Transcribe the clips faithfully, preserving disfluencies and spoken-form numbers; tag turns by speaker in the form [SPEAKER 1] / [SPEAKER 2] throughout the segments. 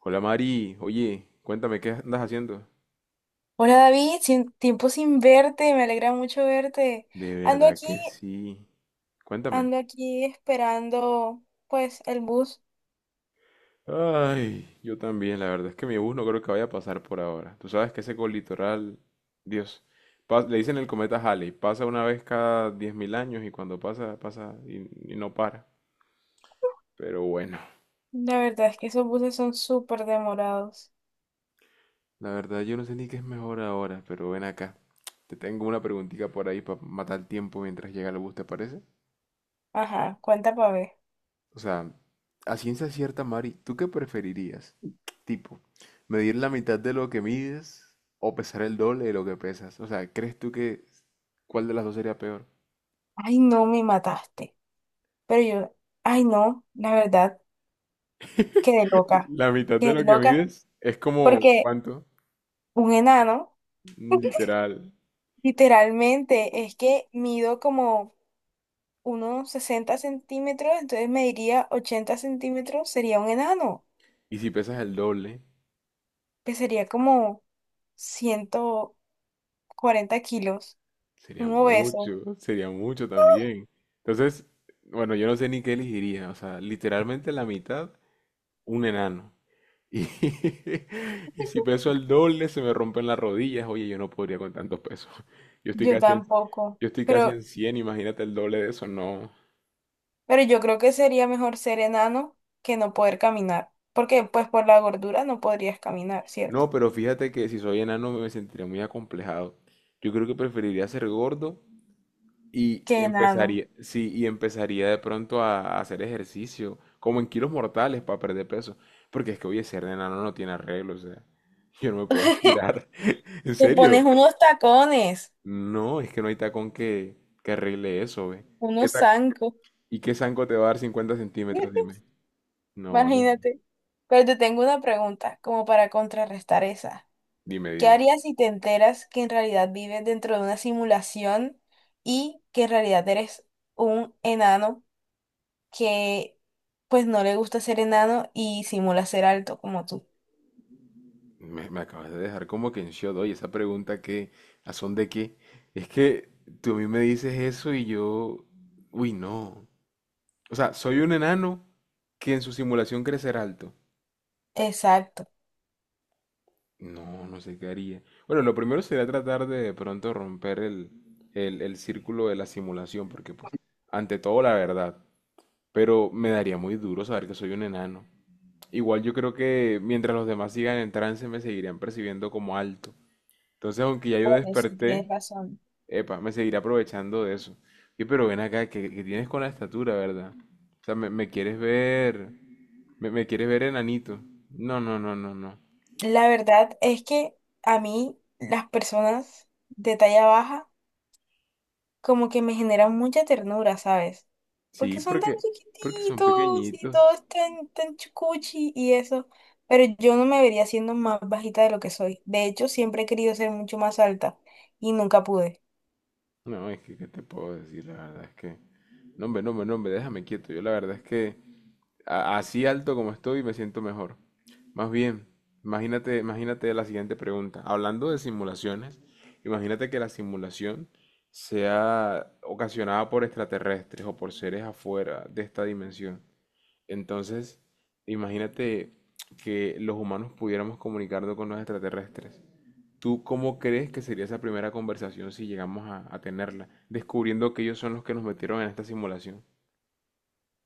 [SPEAKER 1] Hola Mari, oye, cuéntame qué andas haciendo.
[SPEAKER 2] Hola David, sin, tiempo sin verte, me alegra mucho verte.
[SPEAKER 1] De
[SPEAKER 2] Ando
[SPEAKER 1] verdad
[SPEAKER 2] aquí,
[SPEAKER 1] que sí. Cuéntame.
[SPEAKER 2] ando aquí esperando pues el bus.
[SPEAKER 1] Ay, yo también, la verdad es que mi bus no creo que vaya a pasar por ahora. Tú sabes que ese colitoral, Dios, pas- le dicen el cometa Halley, pasa una vez cada diez mil años y cuando pasa, pasa y, y no para. Pero bueno,
[SPEAKER 2] La verdad es que esos buses son súper demorados.
[SPEAKER 1] la verdad yo no sé ni qué es mejor ahora, pero ven acá. Te tengo una preguntita por ahí para matar el tiempo mientras llega el bus, ¿te parece?
[SPEAKER 2] Ajá, cuenta para ver.
[SPEAKER 1] O sea, a ciencia cierta, Mari, ¿tú qué preferirías? Tipo, ¿medir la mitad de lo que mides o pesar el doble de lo que pesas? O sea, ¿crees tú que cuál de las dos sería peor?
[SPEAKER 2] Ay, no, me mataste. Pero yo, ay, no, la verdad, quedé loca.
[SPEAKER 1] La mitad de lo
[SPEAKER 2] Quedé
[SPEAKER 1] que
[SPEAKER 2] loca
[SPEAKER 1] mides es como,
[SPEAKER 2] porque
[SPEAKER 1] ¿cuánto?
[SPEAKER 2] un enano,
[SPEAKER 1] Mm, Literal.
[SPEAKER 2] literalmente, es que mido como unos sesenta centímetros, entonces me diría ochenta centímetros, sería un enano.
[SPEAKER 1] Y si pesas el doble,
[SPEAKER 2] Que sería como ciento cuarenta kilos,
[SPEAKER 1] sería
[SPEAKER 2] un obeso.
[SPEAKER 1] mucho, sería mucho también. Entonces, bueno, yo no sé ni qué elegiría. O sea, literalmente la mitad, un enano. Y, y si peso el doble, se me rompen las rodillas. Oye, yo no podría con tantos pesos. Yo estoy
[SPEAKER 2] Yo
[SPEAKER 1] casi en,
[SPEAKER 2] tampoco,
[SPEAKER 1] yo estoy casi
[SPEAKER 2] pero,
[SPEAKER 1] en cien, imagínate el doble de eso. No,
[SPEAKER 2] pero yo creo que sería mejor ser enano que no poder caminar, porque pues por la gordura no podrías caminar, ¿cierto?
[SPEAKER 1] no, pero fíjate que si soy enano me sentiría muy acomplejado. Yo creo que preferiría ser gordo y
[SPEAKER 2] Qué enano.
[SPEAKER 1] empezaría, sí, y empezaría de pronto a, a hacer ejercicio, como en kilos mortales para perder peso. Porque es que, oye, ser enano no tiene arreglo, o sea, yo no me puedo estirar. En
[SPEAKER 2] Te
[SPEAKER 1] serio,
[SPEAKER 2] pones unos tacones,
[SPEAKER 1] no, es que no hay tacón que, que arregle eso, ve. ¿Qué
[SPEAKER 2] unos
[SPEAKER 1] ta-
[SPEAKER 2] zancos.
[SPEAKER 1] ¿Y qué zanco te va a dar cincuenta centímetros? Dime. No, ni.
[SPEAKER 2] Imagínate. Pero te tengo una pregunta, como para contrarrestar esa.
[SPEAKER 1] Dime,
[SPEAKER 2] ¿Qué
[SPEAKER 1] dime.
[SPEAKER 2] harías si te enteras que en realidad vives dentro de una simulación y que en realidad eres un enano que pues no le gusta ser enano y simula ser alto como tú?
[SPEAKER 1] Me, me acabas de dejar como que en shock, oye, esa pregunta que, ¿a son de qué? Es que tú a mí me dices eso y yo, uy, no. O sea, soy un enano que en su simulación crecerá alto.
[SPEAKER 2] Exacto.
[SPEAKER 1] No, no sé qué haría. Bueno, lo primero sería tratar de de pronto romper el, el, el círculo de la simulación, porque pues, ante todo la verdad. Pero me daría muy duro saber que soy un enano. Igual yo creo que mientras los demás sigan en trance me seguirían percibiendo como alto. Entonces, aunque ya yo
[SPEAKER 2] Bueno, sí tienes
[SPEAKER 1] desperté,
[SPEAKER 2] razón.
[SPEAKER 1] epa, me seguiré aprovechando de eso. Y pero ven acá, que tienes con la estatura, ¿verdad? O sea, me, me quieres ver, me, me quieres ver enanito. No, no, no, no, no.
[SPEAKER 2] La verdad es que a mí las personas de talla baja como que me generan mucha ternura, ¿sabes?
[SPEAKER 1] Sí,
[SPEAKER 2] Porque son tan
[SPEAKER 1] porque, porque son
[SPEAKER 2] chiquititos y
[SPEAKER 1] pequeñitos.
[SPEAKER 2] todos tan, tan chucuchi y eso. Pero yo no me vería siendo más bajita de lo que soy. De hecho, siempre he querido ser mucho más alta y nunca pude.
[SPEAKER 1] No, es que, ¿qué te puedo decir? La verdad es que... No, hombre, no, hombre, no, hombre, déjame quieto. Yo la verdad es que A- así alto como estoy, me siento mejor. Más bien, imagínate, imagínate la siguiente pregunta. Hablando de simulaciones, imagínate que la simulación sea ocasionada por extraterrestres o por seres afuera de esta dimensión. Entonces, imagínate que los humanos pudiéramos comunicarnos con los extraterrestres. ¿Tú cómo crees que sería esa primera conversación si llegamos a, a tenerla, descubriendo que ellos son los que nos metieron en esta simulación?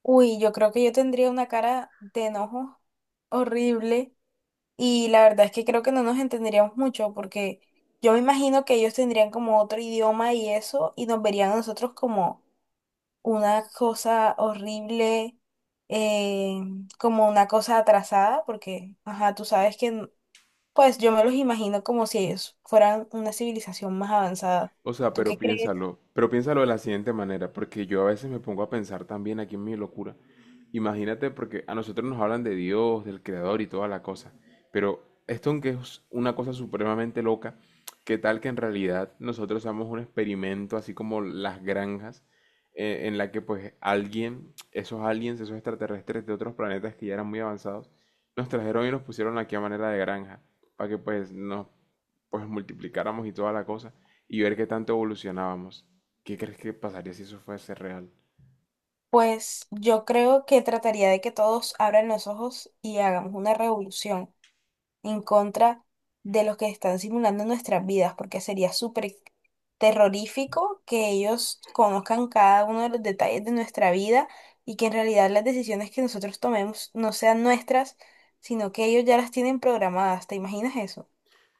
[SPEAKER 2] Uy, yo creo que yo tendría una cara de enojo horrible y la verdad es que creo que no nos entenderíamos mucho porque yo me imagino que ellos tendrían como otro idioma y eso y nos verían a nosotros como una cosa horrible, eh, como una cosa atrasada, porque, ajá, tú sabes que, n- pues yo me los imagino como si ellos fueran una civilización más avanzada.
[SPEAKER 1] O sea,
[SPEAKER 2] ¿Tú
[SPEAKER 1] pero
[SPEAKER 2] qué crees?
[SPEAKER 1] piénsalo, pero piénsalo de la siguiente manera, porque yo a veces me pongo a pensar también aquí en mi locura. Imagínate, porque a nosotros nos hablan de Dios, del Creador y toda la cosa, pero esto aunque es una cosa supremamente loca, ¿qué tal que en realidad nosotros somos un experimento, así como las granjas, eh, en la que pues alguien, esos aliens, esos extraterrestres de otros planetas que ya eran muy avanzados, nos trajeron y nos pusieron aquí a manera de granja, para que pues nos pues multiplicáramos y toda la cosa y ver qué tanto evolucionábamos. ¿Qué crees que pasaría si eso fuese real?
[SPEAKER 2] Pues yo creo que trataría de que todos abran los ojos y hagamos una revolución en contra de los que están simulando nuestras vidas, porque sería súper terrorífico que ellos conozcan cada uno de los detalles de nuestra vida y que en realidad las decisiones que nosotros tomemos no sean nuestras, sino que ellos ya las tienen programadas. ¿Te imaginas eso?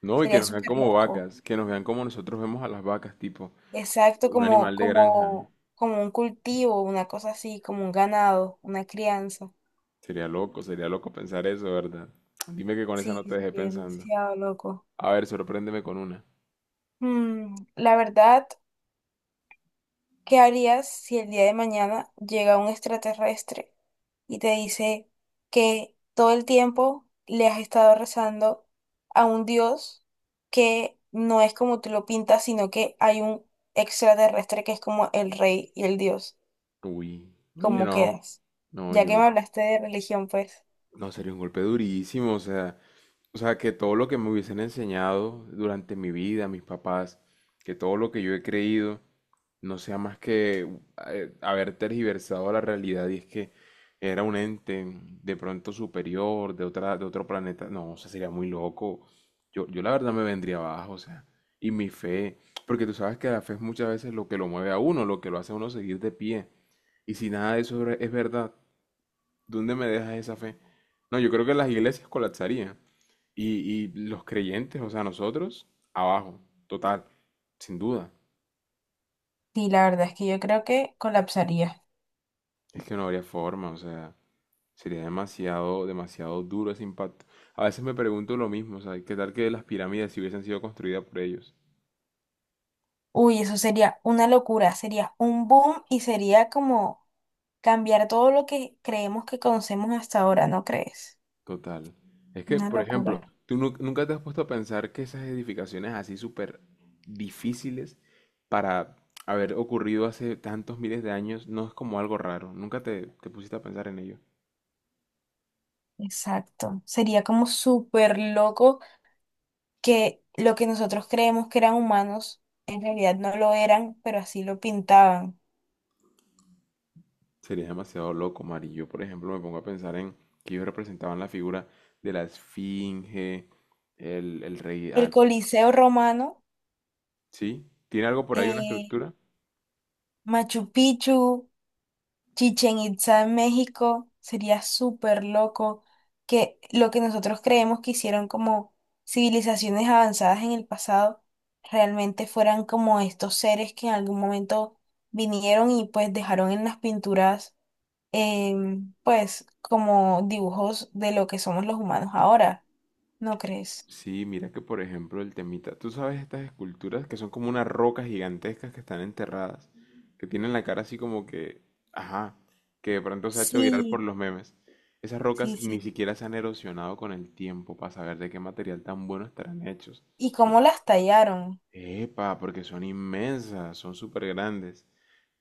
[SPEAKER 1] No, y que
[SPEAKER 2] Sería
[SPEAKER 1] nos vean
[SPEAKER 2] súper
[SPEAKER 1] como
[SPEAKER 2] loco.
[SPEAKER 1] vacas, que nos vean como nosotros vemos a las vacas, tipo
[SPEAKER 2] Exacto,
[SPEAKER 1] un
[SPEAKER 2] como,
[SPEAKER 1] animal de granja.
[SPEAKER 2] como, como un cultivo, una cosa así, como un ganado, una crianza.
[SPEAKER 1] Sería loco, sería loco pensar eso, ¿verdad? Dime que con esa
[SPEAKER 2] Sí,
[SPEAKER 1] no te dejé
[SPEAKER 2] sería
[SPEAKER 1] pensando.
[SPEAKER 2] demasiado loco.
[SPEAKER 1] A ver, sorpréndeme con una.
[SPEAKER 2] Mm, la verdad. ¿Qué harías si el día de mañana llega un extraterrestre y te dice que todo el tiempo le has estado rezando a un Dios que no es como tú lo pintas, sino que hay un extraterrestre que es como el rey y el Dios?
[SPEAKER 1] Uy, oye,
[SPEAKER 2] ¿Cómo
[SPEAKER 1] no,
[SPEAKER 2] quedas?
[SPEAKER 1] no,
[SPEAKER 2] Ya
[SPEAKER 1] yo
[SPEAKER 2] que
[SPEAKER 1] no,
[SPEAKER 2] me hablaste de religión, pues.
[SPEAKER 1] no, sería un golpe durísimo, o sea, o sea, que todo lo que me hubiesen enseñado durante mi vida, mis papás, que todo lo que yo he creído, no sea más que uh, eh, haber tergiversado la realidad y es que era un ente de pronto superior, de otra, de otro planeta. No, o sea, sería muy loco. Yo, yo la verdad me vendría abajo, o sea, y mi fe, porque tú sabes que la fe es muchas veces lo que lo mueve a uno, lo que lo hace a uno seguir de pie. Y si nada de eso es verdad, ¿dónde me dejas esa fe? No, yo creo que las iglesias colapsarían. Y, y los creyentes, o sea, nosotros, abajo, total, sin duda.
[SPEAKER 2] Sí, la verdad es que yo creo que colapsaría.
[SPEAKER 1] Es que no habría forma, o sea, sería demasiado, demasiado duro ese impacto. A veces me pregunto lo mismo, o sea, ¿qué tal que las pirámides si hubiesen sido construidas por ellos?
[SPEAKER 2] Uy, eso sería una locura, sería un boom y sería como cambiar todo lo que creemos que conocemos hasta ahora, ¿no crees?
[SPEAKER 1] Total. Es que,
[SPEAKER 2] Una
[SPEAKER 1] por
[SPEAKER 2] locura.
[SPEAKER 1] ejemplo, tú nu- nunca te has puesto a pensar que esas edificaciones así súper difíciles para haber ocurrido hace tantos miles de años no es como algo raro. Nunca te, te pusiste a pensar en ello.
[SPEAKER 2] Exacto. Sería como súper loco que lo que nosotros creemos que eran humanos, en realidad no lo eran, pero así lo pintaban.
[SPEAKER 1] Sería demasiado loco, Mari. Yo, por ejemplo, me pongo a pensar en que ellos representaban la figura de la esfinge, el, el rey...
[SPEAKER 2] El
[SPEAKER 1] ah.
[SPEAKER 2] Coliseo Romano,
[SPEAKER 1] ¿Sí? ¿Tiene algo por ahí, una
[SPEAKER 2] eh,
[SPEAKER 1] estructura?
[SPEAKER 2] Machu Picchu. Chichen Itza en México sería súper loco que lo que nosotros creemos que hicieron como civilizaciones avanzadas en el pasado realmente fueran como estos seres que en algún momento vinieron y pues dejaron en las pinturas em, pues como dibujos de lo que somos los humanos ahora, ¿no crees?
[SPEAKER 1] Sí, mira que, por ejemplo, el temita... ¿Tú sabes estas esculturas que son como unas rocas gigantescas que están enterradas? Que tienen la cara así como que... Ajá, que de pronto se ha hecho viral por
[SPEAKER 2] Sí,
[SPEAKER 1] los memes. Esas
[SPEAKER 2] sí,
[SPEAKER 1] rocas ni
[SPEAKER 2] sí.
[SPEAKER 1] siquiera se han erosionado con el tiempo para saber de qué material tan bueno estarán hechos.
[SPEAKER 2] ¿Y cómo las tallaron?
[SPEAKER 1] Epa, porque son inmensas, son súper grandes.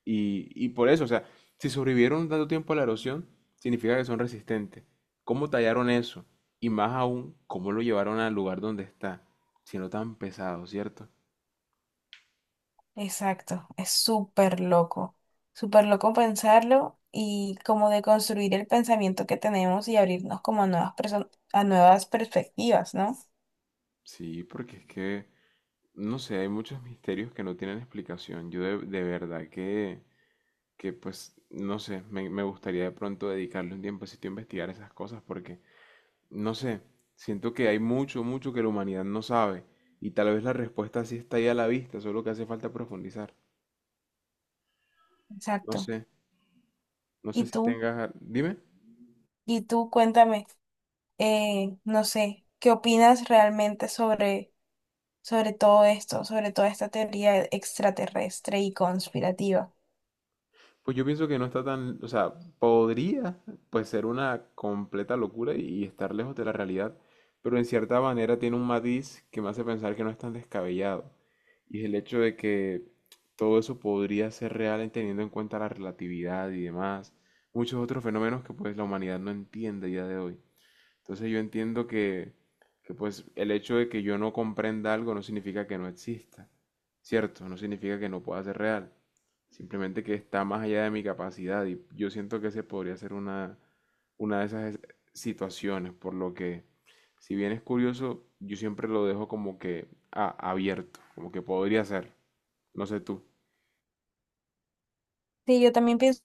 [SPEAKER 1] Y, y por eso, o sea, si sobrevivieron tanto tiempo a la erosión, significa que son resistentes. ¿Cómo tallaron eso? Y más aún, ¿cómo lo llevaron al lugar donde está? Siendo tan pesado, ¿cierto?
[SPEAKER 2] Exacto, es súper loco, súper loco pensarlo y como de construir el pensamiento que tenemos y abrirnos como a nuevas perso- a nuevas perspectivas, ¿no?
[SPEAKER 1] Sí, porque es que, no sé, hay muchos misterios que no tienen explicación. Yo de, de verdad que, que, pues, no sé, me, me gustaría de pronto dedicarle un tiempecito a investigar esas cosas porque no sé, siento que hay mucho, mucho que la humanidad no sabe y tal vez la respuesta sí está ahí a la vista, solo que hace falta profundizar. No
[SPEAKER 2] Exacto.
[SPEAKER 1] sé, no
[SPEAKER 2] Y
[SPEAKER 1] sé si
[SPEAKER 2] tú,
[SPEAKER 1] tengas... a- Dime.
[SPEAKER 2] y tú cuéntame, eh, no sé, ¿qué opinas realmente sobre, sobre todo esto, sobre toda esta teoría extraterrestre y conspirativa?
[SPEAKER 1] Pues yo pienso que no está tan... O sea, podría pues ser una completa locura y estar lejos de la realidad, pero en cierta manera tiene un matiz que me hace pensar que no es tan descabellado. Y es el hecho de que todo eso podría ser real en- teniendo en cuenta la relatividad y demás, muchos otros fenómenos que pues la humanidad no entiende a día de hoy. Entonces yo entiendo que, que, pues el hecho de que yo no comprenda algo no significa que no exista, ¿cierto? No significa que no pueda ser real. Simplemente que está más allá de mi capacidad y yo siento que se podría ser una, una de esas es- situaciones, por lo que si bien es curioso, yo siempre lo dejo como que ah, abierto, como que podría ser, no sé tú.
[SPEAKER 2] Sí, yo también pienso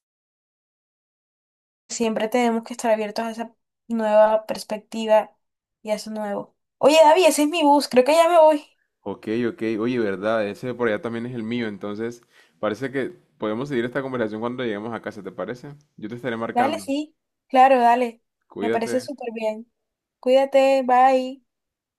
[SPEAKER 2] siempre tenemos que estar abiertos a esa nueva perspectiva y a eso nuevo. Oye, David, ese es mi bus, creo que ya me voy.
[SPEAKER 1] Ok, ok. Oye, verdad, ese por allá también es el mío, entonces parece que podemos seguir esta conversación cuando lleguemos a casa, ¿te parece? Yo te estaré
[SPEAKER 2] Dale,
[SPEAKER 1] marcando.
[SPEAKER 2] sí, claro, dale. Me parece
[SPEAKER 1] Cuídate.
[SPEAKER 2] súper bien. Cuídate, bye.